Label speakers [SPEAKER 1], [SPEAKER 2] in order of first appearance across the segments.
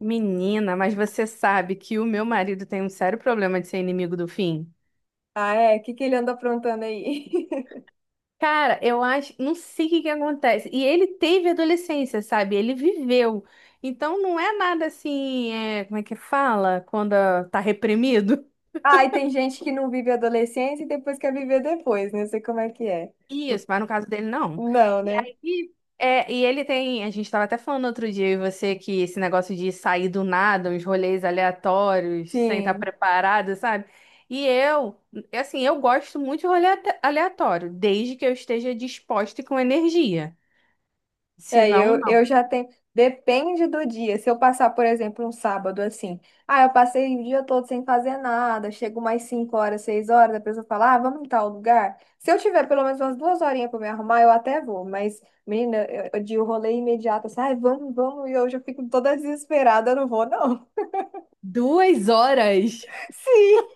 [SPEAKER 1] Menina, mas você sabe que o meu marido tem um sério problema de ser inimigo do fim?
[SPEAKER 2] Ah, é? O que que ele anda aprontando aí?
[SPEAKER 1] Cara, eu acho, não sei o que que acontece. E ele teve adolescência, sabe? Ele viveu. Então não é nada assim, é, como é que fala? Quando tá reprimido.
[SPEAKER 2] Ah, e tem gente que não vive a adolescência e depois quer viver depois, né? Não sei como é que é.
[SPEAKER 1] Isso, mas no caso dele, não.
[SPEAKER 2] Não,
[SPEAKER 1] E
[SPEAKER 2] né?
[SPEAKER 1] aí, é, e ele tem, a gente tava até falando outro dia, eu e você, que esse negócio de sair do nada, uns rolês aleatórios, sem estar
[SPEAKER 2] Sim.
[SPEAKER 1] preparado, sabe? E eu, é assim, eu gosto muito de aleatório, desde que eu esteja disposta e com energia. Se
[SPEAKER 2] É,
[SPEAKER 1] não,
[SPEAKER 2] eu
[SPEAKER 1] não.
[SPEAKER 2] já tenho. Depende do dia. Se eu passar, por exemplo, um sábado assim. Ah, eu passei o dia todo sem fazer nada. Chego mais 5 horas, 6 horas. A pessoa fala, ah, vamos em tal lugar. Se eu tiver pelo menos umas 2 horinhas pra me arrumar, eu até vou. Mas, menina, de rolê imediato, assim, ai, vamos, vamos. E eu já fico toda desesperada, eu não vou, não.
[SPEAKER 1] Duas horas?
[SPEAKER 2] Sim.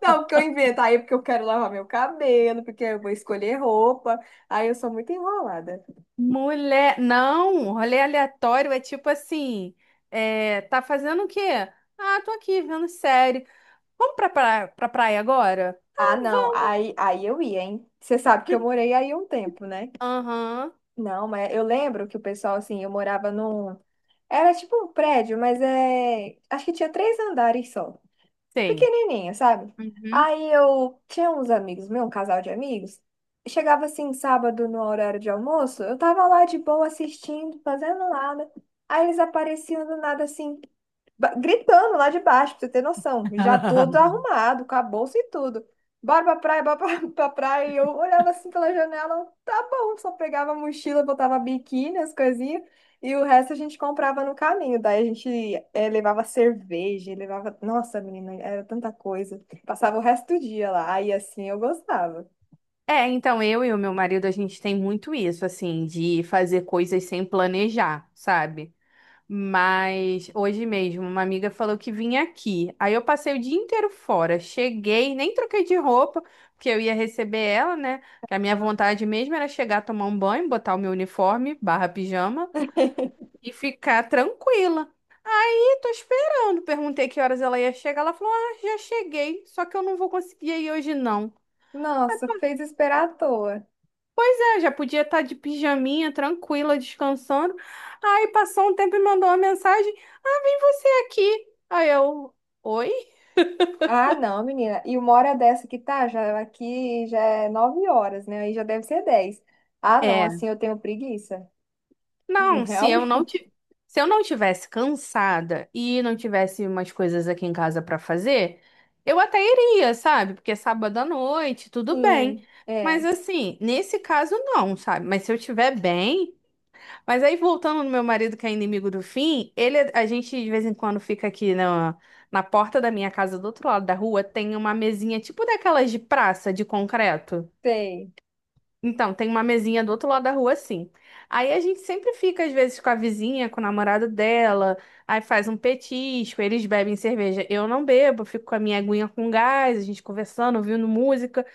[SPEAKER 2] Não, porque eu invento. Aí é porque eu quero lavar meu cabelo, porque eu vou escolher roupa. Aí eu sou muito enrolada.
[SPEAKER 1] Mulher, não, rolê aleatório é tipo assim, é, tá fazendo o quê? Ah, tô aqui vendo série. Vamos pra praia agora?
[SPEAKER 2] Ah, não. Aí eu ia, hein? Você sabe que eu morei aí um tempo, né?
[SPEAKER 1] Aham,
[SPEAKER 2] Não, mas eu lembro que o pessoal, assim, eu morava num. Era tipo um prédio, mas é. Acho que tinha três andares só.
[SPEAKER 1] tem.
[SPEAKER 2] Pequenininha, sabe?
[SPEAKER 1] Uhum.
[SPEAKER 2] Aí eu tinha uns amigos meu, um casal de amigos. Chegava assim, sábado, no horário de almoço, eu tava lá de boa assistindo, fazendo nada. Aí eles apareciam do nada assim. Gritando lá de baixo, pra você ter noção. Já todo arrumado, com a bolsa e tudo. Bora pra praia, bora pra, pra praia. E eu olhava assim pela janela, tá bom. Só pegava a mochila, botava biquíni, as coisinhas. E o resto a gente comprava no caminho. Daí a gente levava cerveja, levava... Nossa, menina, era tanta coisa. Passava o resto do dia lá. Aí assim eu gostava.
[SPEAKER 1] É, então eu e o meu marido, a gente tem muito isso, assim, de fazer coisas sem planejar, sabe? Mas hoje mesmo, uma amiga falou que vinha aqui. Aí eu passei o dia inteiro fora. Cheguei, nem troquei de roupa, porque eu ia receber ela, né? Que a minha vontade mesmo era chegar, tomar um banho, botar o meu uniforme, barra pijama, e ficar tranquila. E tô esperando. Perguntei que horas ela ia chegar. Ela falou: "Ah, já cheguei, só que eu não vou conseguir ir hoje, não."
[SPEAKER 2] Nossa, fez esperar à toa.
[SPEAKER 1] É, já podia estar de pijaminha, tranquila, descansando. Aí passou um tempo e mandou uma mensagem: "Ah, vem você aqui." Aí eu, oi?
[SPEAKER 2] Ah, não, menina. E uma hora dessa que tá, já aqui já é 9 horas, né? Aí já deve ser 10. Ah, não,
[SPEAKER 1] É.
[SPEAKER 2] assim eu tenho preguiça.
[SPEAKER 1] Não,
[SPEAKER 2] Realmente.
[SPEAKER 1] se eu não tivesse cansada e não tivesse umas coisas aqui em casa pra fazer, eu até iria, sabe? Porque é sábado à noite, tudo bem.
[SPEAKER 2] Sim, é,
[SPEAKER 1] Mas assim, nesse caso não, sabe? Mas se eu estiver bem, mas aí, voltando no meu marido, que é inimigo do fim, ele, a gente de vez em quando fica aqui na, na porta da minha casa, do outro lado da rua, tem uma mesinha tipo daquelas de praça, de concreto.
[SPEAKER 2] sei.
[SPEAKER 1] Então, tem uma mesinha do outro lado da rua, assim. Aí a gente sempre fica, às vezes, com a vizinha, com o namorado dela, aí faz um petisco, eles bebem cerveja. Eu não bebo, fico com a minha aguinha com gás, a gente conversando, ouvindo música.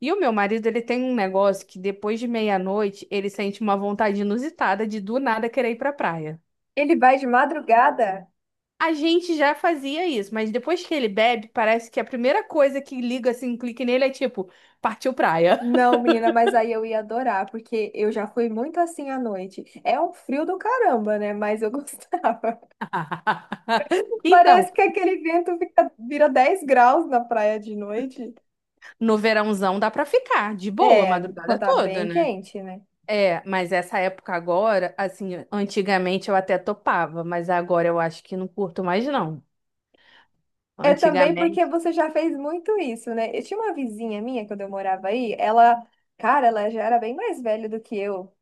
[SPEAKER 1] E o meu marido, ele tem um negócio que depois de meia-noite, ele sente uma vontade inusitada de do nada querer ir pra praia.
[SPEAKER 2] Ele vai de madrugada?
[SPEAKER 1] A gente já fazia isso, mas depois que ele bebe, parece que a primeira coisa que liga, assim, um clique nele é tipo, partiu praia.
[SPEAKER 2] Não, menina, mas aí eu ia adorar, porque eu já fui muito assim à noite. É um frio do caramba, né? Mas eu gostava.
[SPEAKER 1] Então,
[SPEAKER 2] Parece que aquele vento vira 10 graus na praia de noite.
[SPEAKER 1] no verãozão dá pra ficar de boa a
[SPEAKER 2] É,
[SPEAKER 1] madrugada
[SPEAKER 2] quando tá
[SPEAKER 1] toda,
[SPEAKER 2] bem
[SPEAKER 1] né?
[SPEAKER 2] quente, né?
[SPEAKER 1] É, mas essa época agora, assim, antigamente eu até topava, mas agora eu acho que não curto mais não.
[SPEAKER 2] É também porque
[SPEAKER 1] Antigamente,
[SPEAKER 2] você já fez muito isso, né? Eu tinha uma vizinha minha quando eu morava aí, ela, cara, ela já era bem mais velha do que eu.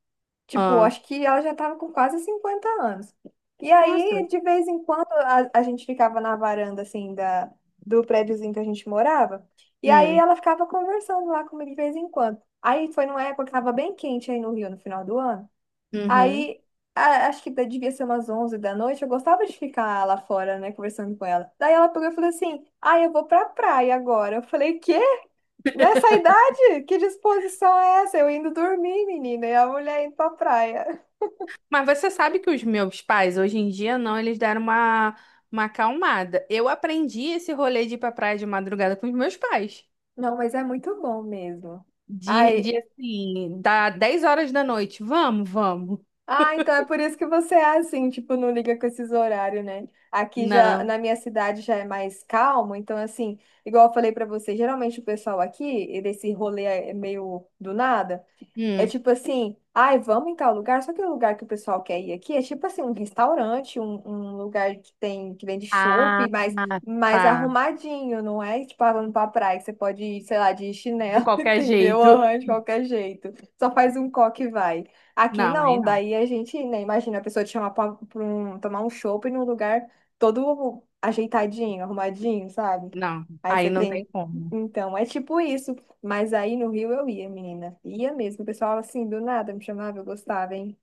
[SPEAKER 2] Tipo,
[SPEAKER 1] ah,
[SPEAKER 2] acho que ela já tava com quase 50 anos. E
[SPEAKER 1] nossa.
[SPEAKER 2] aí, de vez em quando, a gente ficava na varanda, assim, do prédiozinho que a gente morava. E aí
[SPEAKER 1] Hum,
[SPEAKER 2] ela ficava conversando lá comigo de vez em quando. Aí foi numa época que tava bem quente aí no Rio, no final do ano.
[SPEAKER 1] uhum.
[SPEAKER 2] Aí, acho que devia ser umas 11 da noite, eu gostava de ficar lá fora, né, conversando com ela. Daí ela pegou e falou assim: Ah, eu vou pra praia agora. Eu falei: Quê? Nessa idade? Que disposição é essa? Eu indo dormir, menina, e a mulher indo pra praia.
[SPEAKER 1] Mas você sabe que os meus pais hoje em dia não, eles deram uma acalmada. Eu aprendi esse rolê de ir pra praia de madrugada com os meus pais.
[SPEAKER 2] Não, mas é muito bom mesmo. Ai.
[SPEAKER 1] De assim, dá 10 horas da noite. Vamos, vamos.
[SPEAKER 2] Ah, então é por isso que você é assim, tipo, não liga com esses horários, né? Aqui já,
[SPEAKER 1] Não.
[SPEAKER 2] na minha cidade já é mais calmo, então assim, igual eu falei pra você, geralmente o pessoal aqui, desse rolê é meio do nada. É
[SPEAKER 1] Hum.
[SPEAKER 2] tipo assim, ai, vamos em tal lugar. Só que o lugar que o pessoal quer ir aqui é tipo assim, um restaurante, um lugar que tem que vende
[SPEAKER 1] Ah,
[SPEAKER 2] chopp, mas mais
[SPEAKER 1] tá.
[SPEAKER 2] arrumadinho, não é? Tipo, falando pra praia, que você pode ir, sei lá, de
[SPEAKER 1] De
[SPEAKER 2] chinelo,
[SPEAKER 1] qualquer
[SPEAKER 2] entendeu?
[SPEAKER 1] jeito.
[SPEAKER 2] Aham, de qualquer jeito. Só faz um coque e vai. Aqui
[SPEAKER 1] Não, aí
[SPEAKER 2] não,
[SPEAKER 1] não.
[SPEAKER 2] daí a gente, né, imagina a pessoa te chamar pra tomar um chopp num lugar todo ajeitadinho, arrumadinho, sabe?
[SPEAKER 1] Não,
[SPEAKER 2] Aí você
[SPEAKER 1] aí não tem
[SPEAKER 2] tem.
[SPEAKER 1] como.
[SPEAKER 2] Então, é tipo isso. Mas aí no Rio eu ia, menina. Ia mesmo. O pessoal assim, do nada me chamava, eu gostava, hein?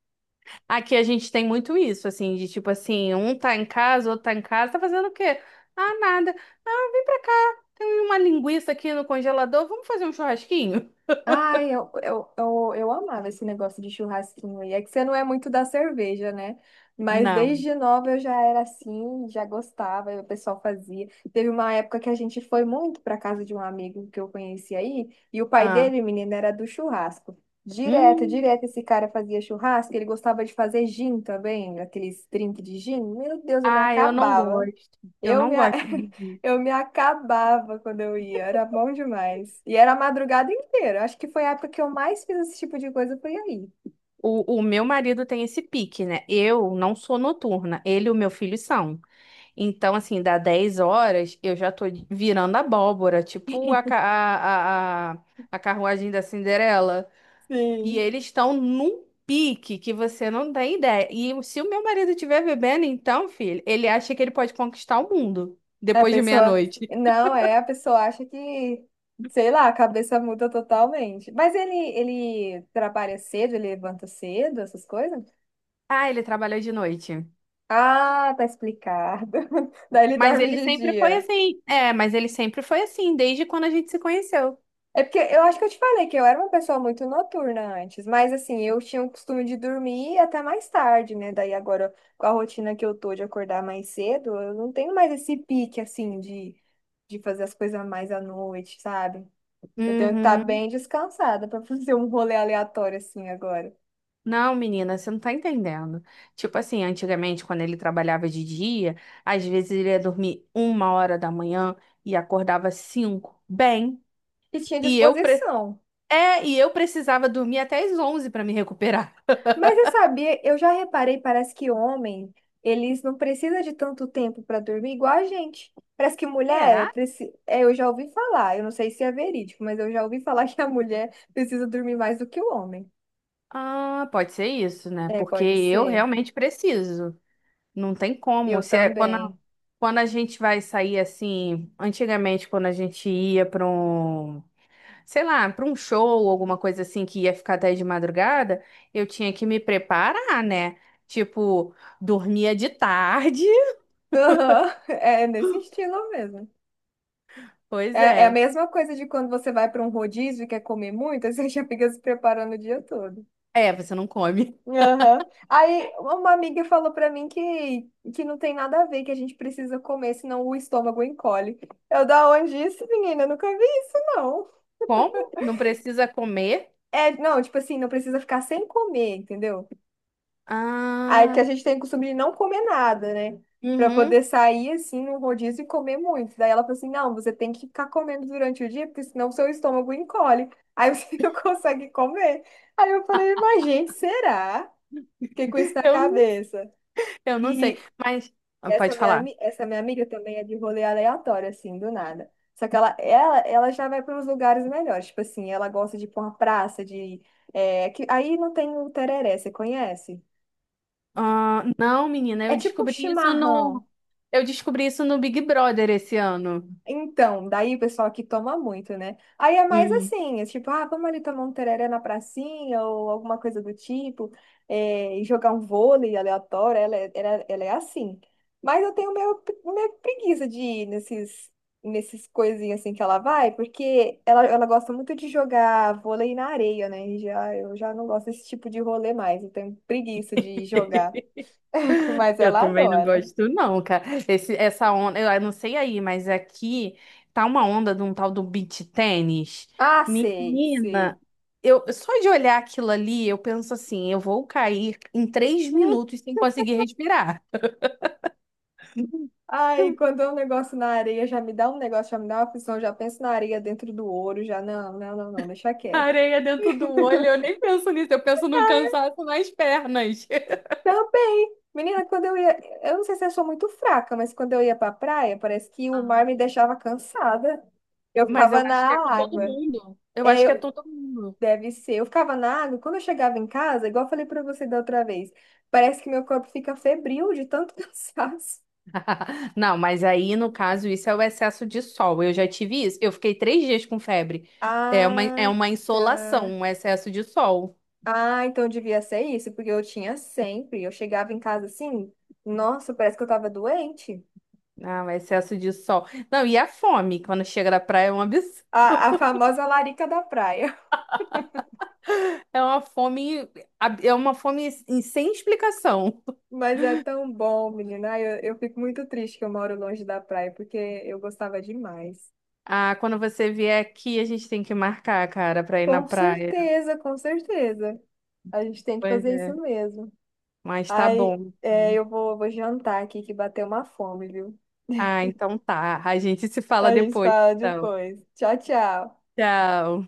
[SPEAKER 1] Aqui a gente tem muito isso, assim, de tipo assim, um tá em casa, outro tá em casa, tá fazendo o quê? Ah, nada. Ah, vem pra cá, tem uma linguiça aqui no congelador, vamos fazer um churrasquinho?
[SPEAKER 2] Ai, eu amava esse negócio de churrasquinho. E é que você não é muito da cerveja, né? Mas
[SPEAKER 1] Não.
[SPEAKER 2] desde nova eu já era assim, já gostava, e o pessoal fazia. Teve uma época que a gente foi muito para casa de um amigo que eu conheci aí, e o pai
[SPEAKER 1] Ah,
[SPEAKER 2] dele, menina, era do churrasco. Direto,
[SPEAKER 1] hum.
[SPEAKER 2] direto, esse cara fazia churrasco, ele gostava de fazer gin também, aqueles drink de gin. Meu Deus, eu me
[SPEAKER 1] Ah, eu não
[SPEAKER 2] acabava.
[SPEAKER 1] gosto. Eu
[SPEAKER 2] Eu
[SPEAKER 1] não
[SPEAKER 2] me, a-
[SPEAKER 1] gosto de vir.
[SPEAKER 2] eu me acabava quando eu ia, era bom demais. E era a madrugada inteira. Acho que foi a época que eu mais fiz esse tipo de coisa, foi aí.
[SPEAKER 1] O meu marido tem esse pique, né? Eu não sou noturna, ele e o meu filho são. Então, assim, dá 10 horas, eu já tô virando abóbora, tipo a, ca- a carruagem da Cinderela. E
[SPEAKER 2] Sim.
[SPEAKER 1] eles estão num pique que você não tem ideia. E se o meu marido estiver bebendo, então, filho, ele acha que ele pode conquistar o mundo
[SPEAKER 2] A
[SPEAKER 1] depois de
[SPEAKER 2] pessoa.
[SPEAKER 1] meia-noite.
[SPEAKER 2] Não, é, a pessoa acha que, sei lá, a cabeça muda totalmente. Mas ele trabalha cedo, ele levanta cedo, essas coisas?
[SPEAKER 1] Ah, ele trabalha de noite.
[SPEAKER 2] Ah, tá explicado. Daí ele
[SPEAKER 1] Mas
[SPEAKER 2] dorme
[SPEAKER 1] ele
[SPEAKER 2] de
[SPEAKER 1] sempre foi
[SPEAKER 2] dia.
[SPEAKER 1] assim. É, mas ele sempre foi assim, desde quando a gente se conheceu.
[SPEAKER 2] É porque eu acho que eu te falei que eu era uma pessoa muito noturna antes, mas assim, eu tinha o costume de dormir até mais tarde, né? Daí agora, com a rotina que eu tô de acordar mais cedo, eu não tenho mais esse pique, assim, de fazer as coisas mais à noite, sabe? Eu tenho que estar
[SPEAKER 1] Uhum.
[SPEAKER 2] bem descansada pra fazer um rolê aleatório assim agora.
[SPEAKER 1] Não, menina, você não tá entendendo. Tipo assim, antigamente, quando ele trabalhava de dia, às vezes ele ia dormir 1 hora da manhã e acordava cinco. Bem,
[SPEAKER 2] E tinha
[SPEAKER 1] e eu, pre...
[SPEAKER 2] disposição.
[SPEAKER 1] é, e eu precisava dormir até às 11 para me recuperar.
[SPEAKER 2] Mas você sabia, eu já reparei, parece que homem, eles não precisam de tanto tempo para dormir igual a gente. Parece que mulher,
[SPEAKER 1] Será?
[SPEAKER 2] eu já ouvi falar, eu não sei se é verídico, mas eu já ouvi falar que a mulher precisa dormir mais do que o homem.
[SPEAKER 1] Ah, pode ser isso, né?
[SPEAKER 2] É,
[SPEAKER 1] Porque
[SPEAKER 2] pode
[SPEAKER 1] eu
[SPEAKER 2] ser.
[SPEAKER 1] realmente preciso. Não tem como.
[SPEAKER 2] Eu
[SPEAKER 1] Se é- quando, a-
[SPEAKER 2] também.
[SPEAKER 1] Quando a gente vai sair assim, antigamente, quando a gente ia para, sei lá, para um show, alguma coisa assim que ia ficar até de madrugada, eu tinha que me preparar, né? Tipo, dormia de tarde.
[SPEAKER 2] Aham. É nesse estilo mesmo.
[SPEAKER 1] Pois
[SPEAKER 2] É, é a
[SPEAKER 1] é.
[SPEAKER 2] mesma coisa de quando você vai para um rodízio e quer comer muito, aí você já fica se preparando o dia todo.
[SPEAKER 1] É, você não come.
[SPEAKER 2] Aham. Aí uma amiga falou pra mim que, não tem nada a ver, que a gente precisa comer, senão o estômago encolhe. Eu, da onde isso, menina? Eu nunca vi isso, não.
[SPEAKER 1] Como? Não precisa comer?
[SPEAKER 2] É, não, tipo assim, não precisa ficar sem comer, entendeu? Aí que
[SPEAKER 1] Ah,
[SPEAKER 2] a gente tem o costume de não comer nada, né? Pra
[SPEAKER 1] uhum.
[SPEAKER 2] poder sair assim no rodízio e comer muito. Daí ela falou assim: não, você tem que ficar comendo durante o dia, porque senão o seu estômago encolhe. Aí você não consegue comer. Aí eu falei, mas gente, será? Fiquei com isso na
[SPEAKER 1] Eu,
[SPEAKER 2] cabeça.
[SPEAKER 1] eu não sei,
[SPEAKER 2] E
[SPEAKER 1] mas
[SPEAKER 2] E
[SPEAKER 1] ah,
[SPEAKER 2] Essa
[SPEAKER 1] pode
[SPEAKER 2] minha,
[SPEAKER 1] falar.
[SPEAKER 2] ami- essa minha amiga também é de rolê aleatório, assim, do nada. Só que ela já vai para uns lugares melhores. Tipo assim, ela gosta de ir pra uma praça, de. É, que, aí não tem o tereré, você conhece?
[SPEAKER 1] Ah, não, menina,
[SPEAKER 2] É
[SPEAKER 1] eu
[SPEAKER 2] tipo um
[SPEAKER 1] descobri isso
[SPEAKER 2] chimarrão.
[SPEAKER 1] no, Eu descobri isso no Big Brother esse ano.
[SPEAKER 2] Então, daí o pessoal que toma muito, né? Aí é mais
[SPEAKER 1] Hum.
[SPEAKER 2] assim, é tipo, ah, vamos ali tomar um tereré na pracinha ou alguma coisa do tipo, é, e jogar um vôlei aleatório, ela é, ela é assim. Mas eu tenho meio preguiça de ir nesses coisinhas assim que ela vai, porque ela gosta muito de jogar vôlei na areia, né? Eu já não gosto desse tipo de rolê mais, eu tenho preguiça de jogar. Mas
[SPEAKER 1] Eu
[SPEAKER 2] ela
[SPEAKER 1] também não
[SPEAKER 2] adora.
[SPEAKER 1] gosto, não, cara. Esse, essa onda, eu não sei aí, mas aqui tá uma onda de um tal do beach tênis.
[SPEAKER 2] Ah, sei, sei.
[SPEAKER 1] Menina, eu só de olhar aquilo ali, eu penso assim, eu vou cair em três minutos sem conseguir respirar.
[SPEAKER 2] Ai, quando é um negócio na areia, já me dá um negócio, já me dá uma aflição, já penso na areia dentro do ouro, já não, não, não, não, deixa quieto.
[SPEAKER 1] Areia dentro do olho, eu nem penso nisso, eu penso no cansaço nas pernas.
[SPEAKER 2] Também, menina, quando eu ia, eu não sei se eu sou muito fraca, mas quando eu ia pra praia, parece que o mar me deixava cansada. Eu
[SPEAKER 1] Mas eu
[SPEAKER 2] ficava
[SPEAKER 1] acho que é
[SPEAKER 2] na
[SPEAKER 1] com todo
[SPEAKER 2] água.
[SPEAKER 1] mundo. Eu
[SPEAKER 2] É,
[SPEAKER 1] acho que é todo mundo.
[SPEAKER 2] deve ser. Eu ficava na água, quando eu chegava em casa, igual eu falei pra você da outra vez, parece que meu corpo fica febril de tanto cansaço.
[SPEAKER 1] Não, mas aí no caso isso é o excesso de sol. Eu já tive isso. Eu fiquei 3 dias com febre. É
[SPEAKER 2] Ah,
[SPEAKER 1] uma insolação,
[SPEAKER 2] tá.
[SPEAKER 1] um excesso de sol.
[SPEAKER 2] Ah, então devia ser isso, porque eu tinha sempre. Eu chegava em casa assim, nossa, parece que eu tava doente.
[SPEAKER 1] Ah, um excesso de sol. Não, e a fome, quando chega da praia é um absurdo.
[SPEAKER 2] A, a famosa larica da praia.
[SPEAKER 1] É uma fome, é uma fome sem explicação.
[SPEAKER 2] Mas é tão bom, menina. Ai, eu fico muito triste que eu moro longe da praia, porque eu gostava demais.
[SPEAKER 1] Ah, quando você vier aqui, a gente tem que marcar, cara, pra ir na
[SPEAKER 2] Com
[SPEAKER 1] praia.
[SPEAKER 2] certeza, com certeza. A gente tem que
[SPEAKER 1] Pois
[SPEAKER 2] fazer isso
[SPEAKER 1] é,
[SPEAKER 2] mesmo.
[SPEAKER 1] mas tá
[SPEAKER 2] Aí,
[SPEAKER 1] bom.
[SPEAKER 2] é, eu vou jantar aqui que bateu uma fome, viu?
[SPEAKER 1] Ah, então tá. A gente se fala
[SPEAKER 2] A gente
[SPEAKER 1] depois,
[SPEAKER 2] fala
[SPEAKER 1] então.
[SPEAKER 2] depois. Tchau, tchau.
[SPEAKER 1] Tchau.